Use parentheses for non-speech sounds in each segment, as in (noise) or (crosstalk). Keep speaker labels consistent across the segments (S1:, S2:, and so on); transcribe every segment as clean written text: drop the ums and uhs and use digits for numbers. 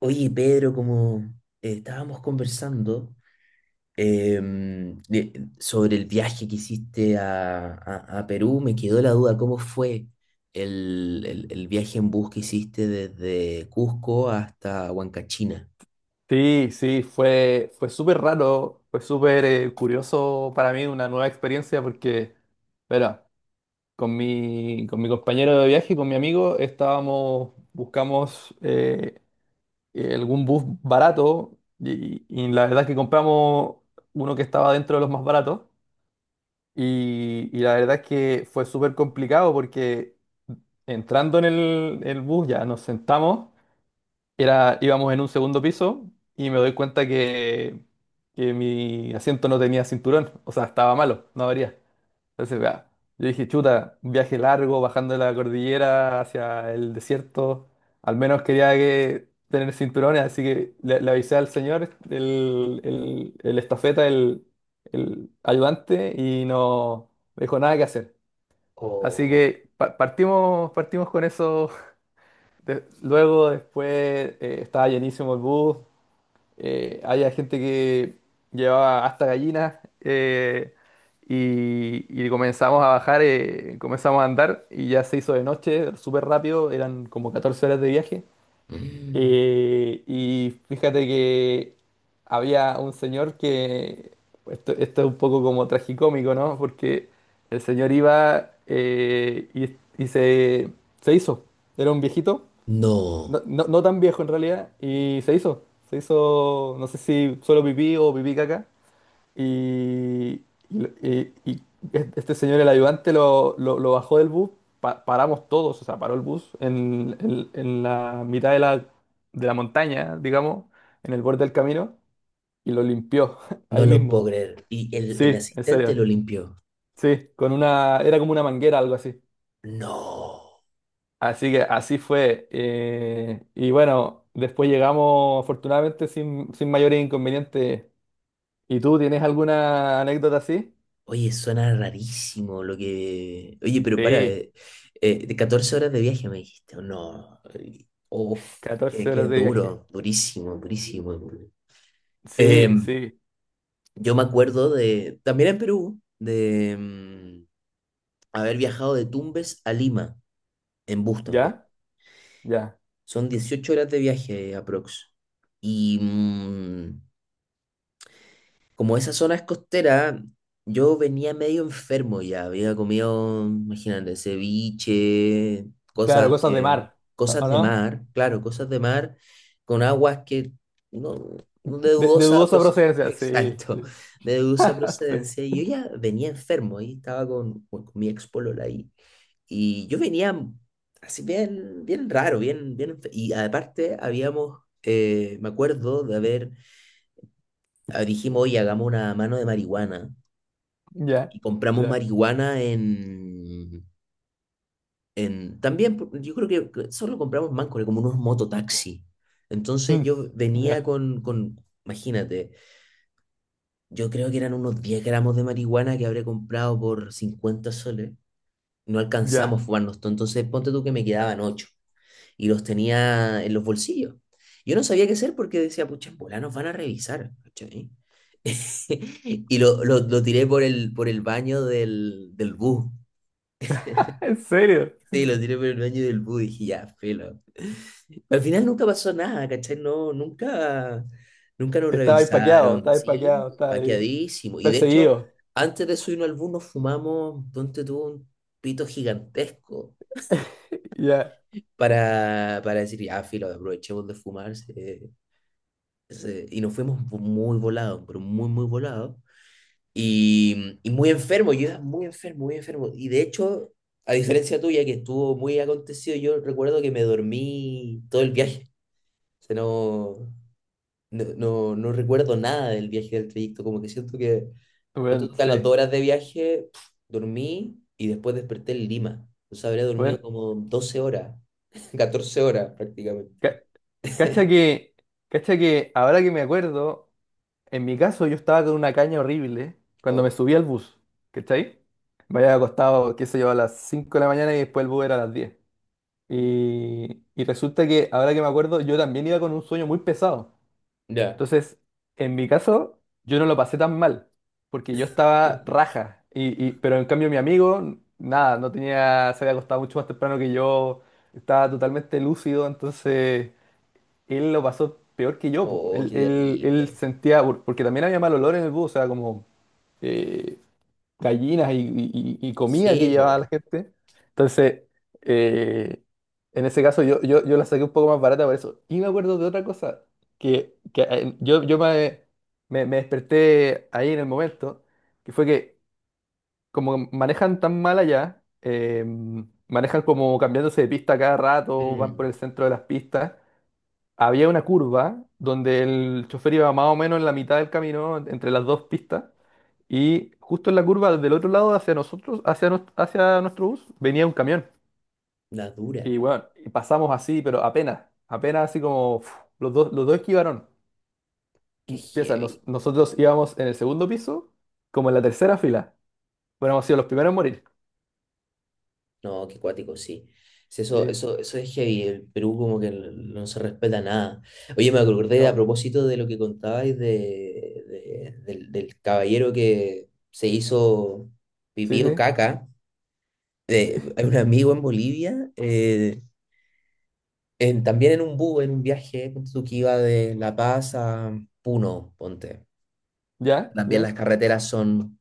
S1: Oye, Pedro, como estábamos conversando sobre el viaje que hiciste a Perú, me quedó la duda, ¿cómo fue el viaje en bus que hiciste desde Cusco hasta Huancachina?
S2: Sí, sí, fue súper raro, fue súper curioso para mí, una nueva experiencia porque, bueno, con mi compañero de viaje, con mi amigo, estábamos, buscamos algún bus barato y la verdad es que compramos uno que estaba dentro de los más baratos y la verdad es que fue súper complicado porque entrando en el bus ya nos sentamos. Era, íbamos en un segundo piso y me doy cuenta que mi asiento no tenía cinturón, o sea, estaba malo, no abría. Entonces, vea, yo dije, chuta, un viaje largo, bajando la cordillera hacia el desierto, al menos quería que tener cinturones, así que le avisé al señor, el estafeta, el ayudante, y no me dijo nada que hacer. Así
S1: Oh.
S2: que partimos, partimos con eso luego, después, estaba llenísimo el bus. Había gente que llevaba hasta gallinas. eh, y, y comenzamos a bajar, comenzamos a andar. Y ya se hizo de noche, súper rápido. Eran como 14 horas de viaje.
S1: Mm.
S2: Y fíjate que había un señor que. Esto es un poco como tragicómico, ¿no? Porque el señor iba y, y se, se hizo. Era un viejito
S1: No,
S2: no, no, no tan viejo en realidad, y se hizo. Se hizo, no sé si solo pipí o pipí caca. Y, y- y- este señor, el ayudante, lo bajó del bus. Paramos todos, o sea, paró el bus en, en la mitad de la montaña, digamos, en el borde del camino, y lo limpió (laughs)
S1: no
S2: ahí
S1: lo puedo
S2: mismo.
S1: creer. ¿Y el
S2: Sí, en
S1: asistente
S2: serio.
S1: lo limpió?
S2: Sí, con una, era como una manguera, algo así.
S1: No.
S2: Así que así fue. Y bueno, después llegamos afortunadamente sin, sin mayores inconvenientes. ¿Y tú tienes alguna anécdota así?
S1: Oye, suena rarísimo lo que. Oye, pero para,
S2: Sí,
S1: de 14 horas de viaje me dijiste, o no, uf, que,
S2: 14
S1: que
S2: horas
S1: es
S2: de viaje.
S1: duro, durísimo, durísimo.
S2: Sí,
S1: Em,
S2: sí.
S1: yo me acuerdo de, también en Perú, de haber viajado de Tumbes a Lima, en bus también.
S2: ¿Ya? Ya.
S1: Son 18 horas de viaje aprox. Y como esa zona es costera, yo venía medio enfermo ya. Había comido, imagínate, ceviche,
S2: Claro,
S1: cosas
S2: cosas de
S1: que,
S2: mar,
S1: cosas
S2: o
S1: de
S2: no?
S1: mar, claro, cosas de mar con aguas que no, no, de
S2: De
S1: dudosa
S2: dudosa
S1: procedencia. (laughs)
S2: procedencia, sí.
S1: Exacto,
S2: Sí,
S1: de dudosa
S2: (laughs) sí.
S1: procedencia. Y yo ya venía enfermo y estaba con mi ex polola ahí. Y yo venía así bien, bien raro, bien, bien. Y aparte habíamos, me acuerdo de haber ah, dijimos, oye, hagamos una mano de marihuana.
S2: Ya,
S1: Y compramos
S2: ya.
S1: marihuana en también, yo creo que solo compramos mancos, como unos mototaxi.
S2: (laughs)
S1: Entonces
S2: Mm,
S1: yo venía
S2: ya,
S1: imagínate, yo creo que eran unos 10 gramos de marihuana que habré comprado por 50 soles. No
S2: ya.
S1: alcanzamos a fumarnos todo, entonces ponte tú que me quedaban 8 y los tenía en los bolsillos. Yo no sabía qué hacer porque decía, pucha, en bola nos van a revisar. ¿Cachai? (laughs) Y lo tiré por el baño del bus.
S2: (laughs) ¿En serio?
S1: Sí, lo tiré por el baño del bus y dije, ya, filo. Al final nunca pasó nada, ¿cachai? No, nunca, nunca nos
S2: Estaba paqueado,
S1: revisaron.
S2: estaba
S1: Sí,
S2: paqueado, estaba ahí
S1: paqueadísimo. Y de hecho,
S2: perseguido.
S1: antes de subirnos al bus nos fumamos, donde tuvo un pito gigantesco
S2: Ya.
S1: para decir, ya, filo, aprovechemos de fumarse y nos fuimos muy volados, pero muy, muy volados. Y muy enfermo, yo era muy enfermo, muy enfermo. Y de hecho, a diferencia tuya, que estuvo muy acontecido, yo recuerdo que me dormí todo el viaje. O sea, no, no, no, no recuerdo nada del viaje, del trayecto. Como que siento que, ponte
S2: Bueno,
S1: tú que a las
S2: sí.
S1: 2 horas de viaje, dormí y después desperté en Lima. O sea, habría dormido
S2: Bueno.
S1: como 12 horas, (laughs) 14 horas prácticamente.
S2: Cacha que, cacha que ahora que me acuerdo, en mi caso yo estaba con una caña horrible cuando me
S1: Oh,
S2: subí al bus, ¿cachai? Me había acostado, qué sé yo, a las 5 de la mañana y después el bus era a las 10. Y resulta que ahora que me acuerdo, yo también iba con un sueño muy pesado.
S1: ya.
S2: Entonces, en mi caso, yo no lo pasé tan mal, porque yo estaba raja. Y, pero en cambio mi amigo, nada, no tenía, se había acostado mucho más temprano que yo, estaba totalmente lúcido, entonces él lo pasó peor que yo, po.
S1: Oh,
S2: Él,
S1: qué
S2: él
S1: terrible.
S2: sentía, porque también había mal olor en el bus, o sea, como eh, gallinas y, y comida que
S1: Sí, pues.
S2: llevaba la gente. Entonces, eh, en ese caso yo la saqué un poco más barata por eso. Y me acuerdo de otra cosa, que yo me, me desperté ahí en el momento, que fue que como manejan tan mal allá, manejan como cambiándose de pista cada rato, van por
S1: Mm.
S2: el centro de las pistas. Había una curva donde el chofer iba más o menos en la mitad del camino, entre las dos pistas, y justo en la curva del otro lado hacia nosotros, hacia, hacia nuestro bus, venía un camión.
S1: La dura.
S2: Y bueno, y pasamos así, pero apenas, apenas así como uf, los dos esquivaron.
S1: Qué
S2: Piensa,
S1: heavy.
S2: nosotros íbamos en el segundo piso, como en la tercera fila. Bueno, hemos sido los primeros en morir.
S1: No, qué cuático, sí. Sí,
S2: Sí,
S1: eso es heavy. El Perú como que no se respeta nada. Oye, me acordé a
S2: no,
S1: propósito de lo que contabais del caballero que se hizo
S2: sí,
S1: pipí o
S2: sí,
S1: caca.
S2: sí.
S1: De,
S2: (laughs)
S1: hay un amigo en Bolivia, también en un bus, en un viaje, ponte tú que iba de La Paz a Puno, ponte.
S2: Ya,
S1: También
S2: ya.
S1: las carreteras son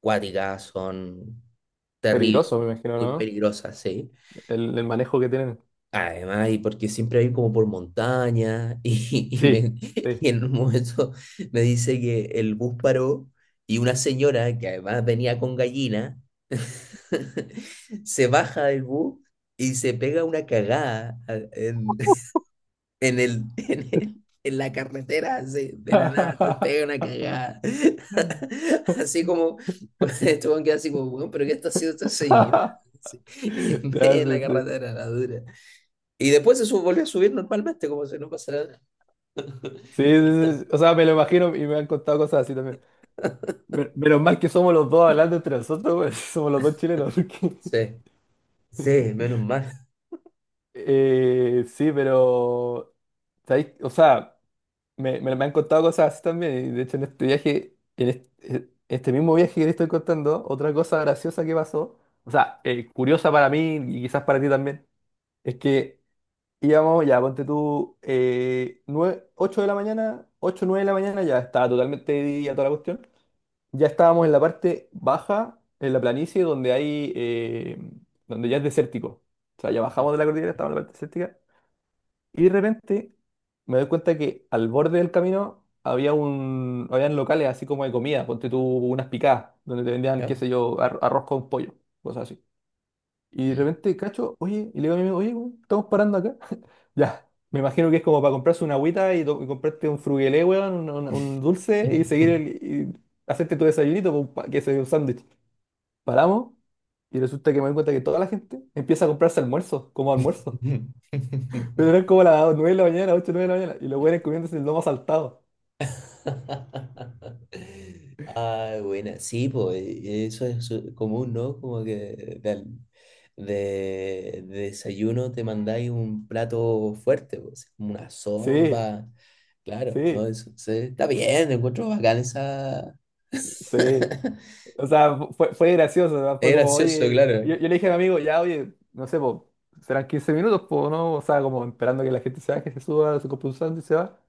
S1: cuáticas, son terribles,
S2: Peligroso, me imagino,
S1: muy
S2: ¿no?
S1: peligrosas, sí.
S2: El manejo que tienen.
S1: Además, y porque siempre hay como por montaña, y, (laughs)
S2: Sí, sí.
S1: y en un momento me dice que el bus paró y una señora, que además venía con gallina, (laughs) se baja del bus y se pega una cagada en el, (laughs) en la carretera de la nada se pega una
S2: (laughs)
S1: cagada. (laughs)
S2: (laughs)
S1: Así como, (laughs) este weón queda así como, weón, pero ¿qué está haciendo esta señora? (laughs) Así, en
S2: Ya,
S1: medio de la
S2: sí, sí.
S1: carretera, la dura. Y después volvió a subir normalmente, como si no pasara nada.
S2: Sí, sí, sí. Sí. O sea, me lo imagino y me han contado cosas así también. Me- Menos mal que somos los dos hablando entre nosotros, güey. (laughs) Somos los dos chilenos. Porque...
S1: Sí, sí, menos mal.
S2: Sí, pero... ¿Sabéis? O sea, me han contado cosas así también. Y de hecho, en este viaje, en este, este mismo viaje que te estoy contando, otra cosa graciosa que pasó, o sea, curiosa para mí y quizás para ti también, es que íbamos, ya, ponte tú, nueve- 8 de la mañana, 8 9 de la mañana, ya estaba totalmente de día toda la cuestión. Ya estábamos en la parte baja, en la planicie, donde hay, donde ya es desértico. O sea, ya bajamos de la cordillera, estábamos en la parte desértica. Y de repente me doy cuenta que al borde del camino había un, habían locales así como de comida, ponte tú unas picadas, donde te vendían, qué
S1: ¿Ya?
S2: sé yo, arroz con pollo, cosas así. Y de repente cacho, oye, y le digo a mi amigo, oye, weón, estamos parando acá. (laughs) Ya, me imagino que es como para comprarse una agüita y, y comprarte un frugelé, weón, un, un dulce y seguir el, y hacerte tu desayunito, con que sea un sándwich. Paramos y resulta que me doy cuenta que toda la gente empieza a comprarse almuerzos, como almuerzo. (laughs) Pero eran
S1: (laughs)
S2: como las 9 de la mañana, 8 9 de la mañana, y los güeyes comiéndose el lomo saltado.
S1: (laughs) Ah, buena. Sí, pues eso es común, ¿no? Como que de desayuno te mandáis un plato fuerte, pues, como una
S2: Sí,
S1: sopa. Claro, ¿no?
S2: sí,
S1: Eso, está bien, encuentro bacán esa.
S2: sí.
S1: (laughs)
S2: O sea, fue, fue gracioso, ¿no?
S1: Es
S2: Fue como,
S1: gracioso,
S2: oye,
S1: claro.
S2: yo le dije a mi amigo, ya, oye, no sé, po, serán 15 minutos, po, ¿no? O sea, como esperando que la gente se baje, se suba, se compre un sándwich y se va.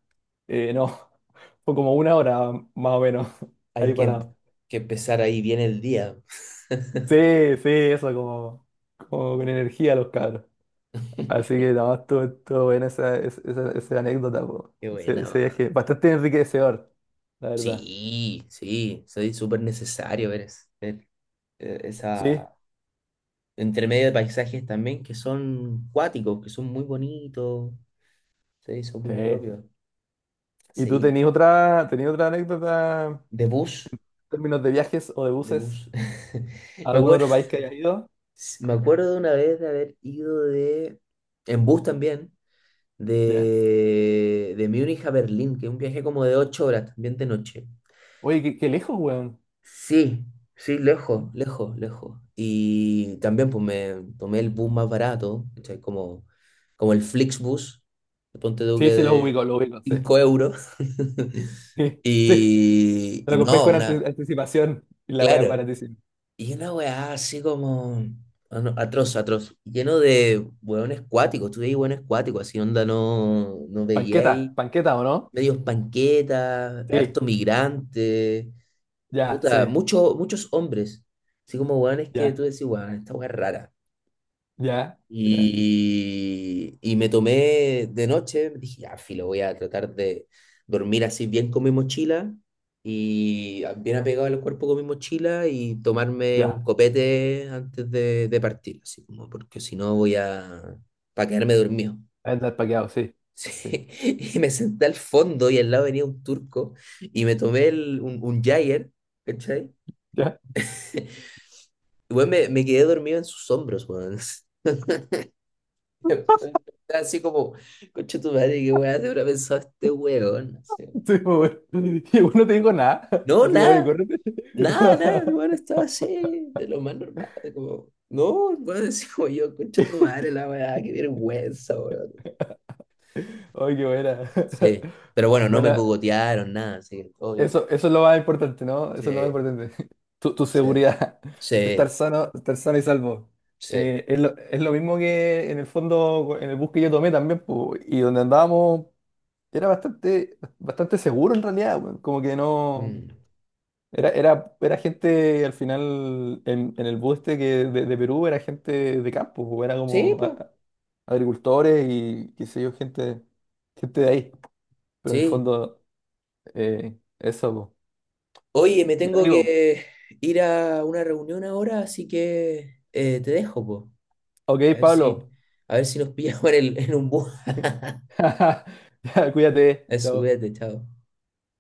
S2: No, (laughs) fue como una hora más o menos (laughs) ahí
S1: Hay que, em-
S2: parado.
S1: que empezar ahí bien el día.
S2: Sí, sí, eso, como, como con energía los cabros. Así que nada más estuvo, estuvo buena esa, esa anécdota, po.
S1: Qué
S2: Ese,
S1: buena,
S2: ese viaje,
S1: man.
S2: bastante enriquecedor, la verdad.
S1: Sí, sí, soy súper necesario ver,
S2: Sí,
S1: esa. Entre medio de paisajes también que son cuáticos, que son muy bonitos, se hizo muy
S2: sí.
S1: propio.
S2: ¿Y tú
S1: Sí,
S2: tenías otra anécdota?
S1: de bus,
S2: Términos de viajes o de
S1: de
S2: buses,
S1: bus.
S2: ¿a
S1: (laughs) Me
S2: algún
S1: acuerdo,
S2: otro país que hayas ido?
S1: me acuerdo de una vez de haber ido en bus también,
S2: Ya.
S1: de Múnich a Berlín, que es un viaje como de 8 horas, también de noche.
S2: Oye, qué, qué lejos, weón.
S1: Sí, sí,
S2: ¿Mm?
S1: lejos, lejos, lejos. Y también pues me tomé el bus más barato, ¿cachai? Como el Flixbus, ponte tú que
S2: Sí, sí,
S1: de
S2: los ubico, sí. (laughs)
S1: 5 euros. (laughs)
S2: Sí, sí.
S1: Y,
S2: Te
S1: y
S2: lo compré
S1: no,
S2: con
S1: una,
S2: anticipación y la weá es
S1: claro.
S2: baratísima.
S1: Y una weá así como ah, no, atroz, atroz, lleno de hueones cuáticos, tú veis hueones cuáticos, así onda no, no
S2: Panqueta,
S1: veíais,
S2: panqueta, ¿o no?
S1: medios panquetas,
S2: Sí,
S1: harto migrante
S2: ya,
S1: puta,
S2: sí,
S1: muchos muchos hombres, así como weones que tú
S2: ya,
S1: decís, weón, esta weá es rara.
S2: ya, ya,
S1: Y me tomé de noche, dije, ya, filo, voy a tratar de dormir así bien con mi mochila y bien apegado al cuerpo con mi mochila y tomarme
S2: ya.
S1: un copete antes de partir, así como, porque si no voy a, para quedarme dormido. (laughs)
S2: Andar paqueado, sí. Sí,
S1: Sí. Y me senté al fondo y al lado venía un turco y me tomé un Jager, ¿cachai?
S2: ya. (laughs)
S1: Weón, me quedé dormido en sus hombros, weón. (laughs) Estaba así como, concha tu madre, qué weá te habrá pensado este weón. Así.
S2: Sí, pues, weón. (laughs) Y bueno, no te digo nada. (laughs)
S1: No,
S2: Así que, oye,
S1: nada,
S2: córrete.
S1: nada, nada, el weón estaba así, de lo más normal, de como, no, el weón, (laughs) así como yo, concha tu madre, la weá, qué vergüenza, weón.
S2: (laughs) Oye, qué buena.
S1: Sí, pero bueno,
S2: (laughs)
S1: no me
S2: Buena,
S1: cogotearon, nada, así que todo bien.
S2: eso es lo más importante, ¿no? Eso es lo más
S1: Sí,
S2: importante. (laughs) Tu
S1: sí,
S2: seguridad, (laughs)
S1: sí,
S2: estar sano y salvo.
S1: sí.
S2: Es lo mismo que en el fondo, en el bus que yo tomé también, po, y donde andábamos era bastante, bastante seguro en realidad, weón. Como que no...
S1: Mm.
S2: Era, era, era gente, al final, en el bus este que de Perú era gente de campo, po, era
S1: Sí,
S2: como
S1: pues,
S2: agricultores y qué sé yo, gente, gente de ahí, pero en el
S1: sí.
S2: fondo, eso, po.
S1: Oye, me
S2: Ya,
S1: tengo
S2: amigo,
S1: que ir a una reunión ahora, así que te dejo, po.
S2: ok,
S1: A ver si,
S2: Pablo.
S1: a ver si nos (laughs) pillamos en un bus. (laughs)
S2: (laughs) Cuídate.
S1: Eso,
S2: Chao.
S1: cuídate, chao.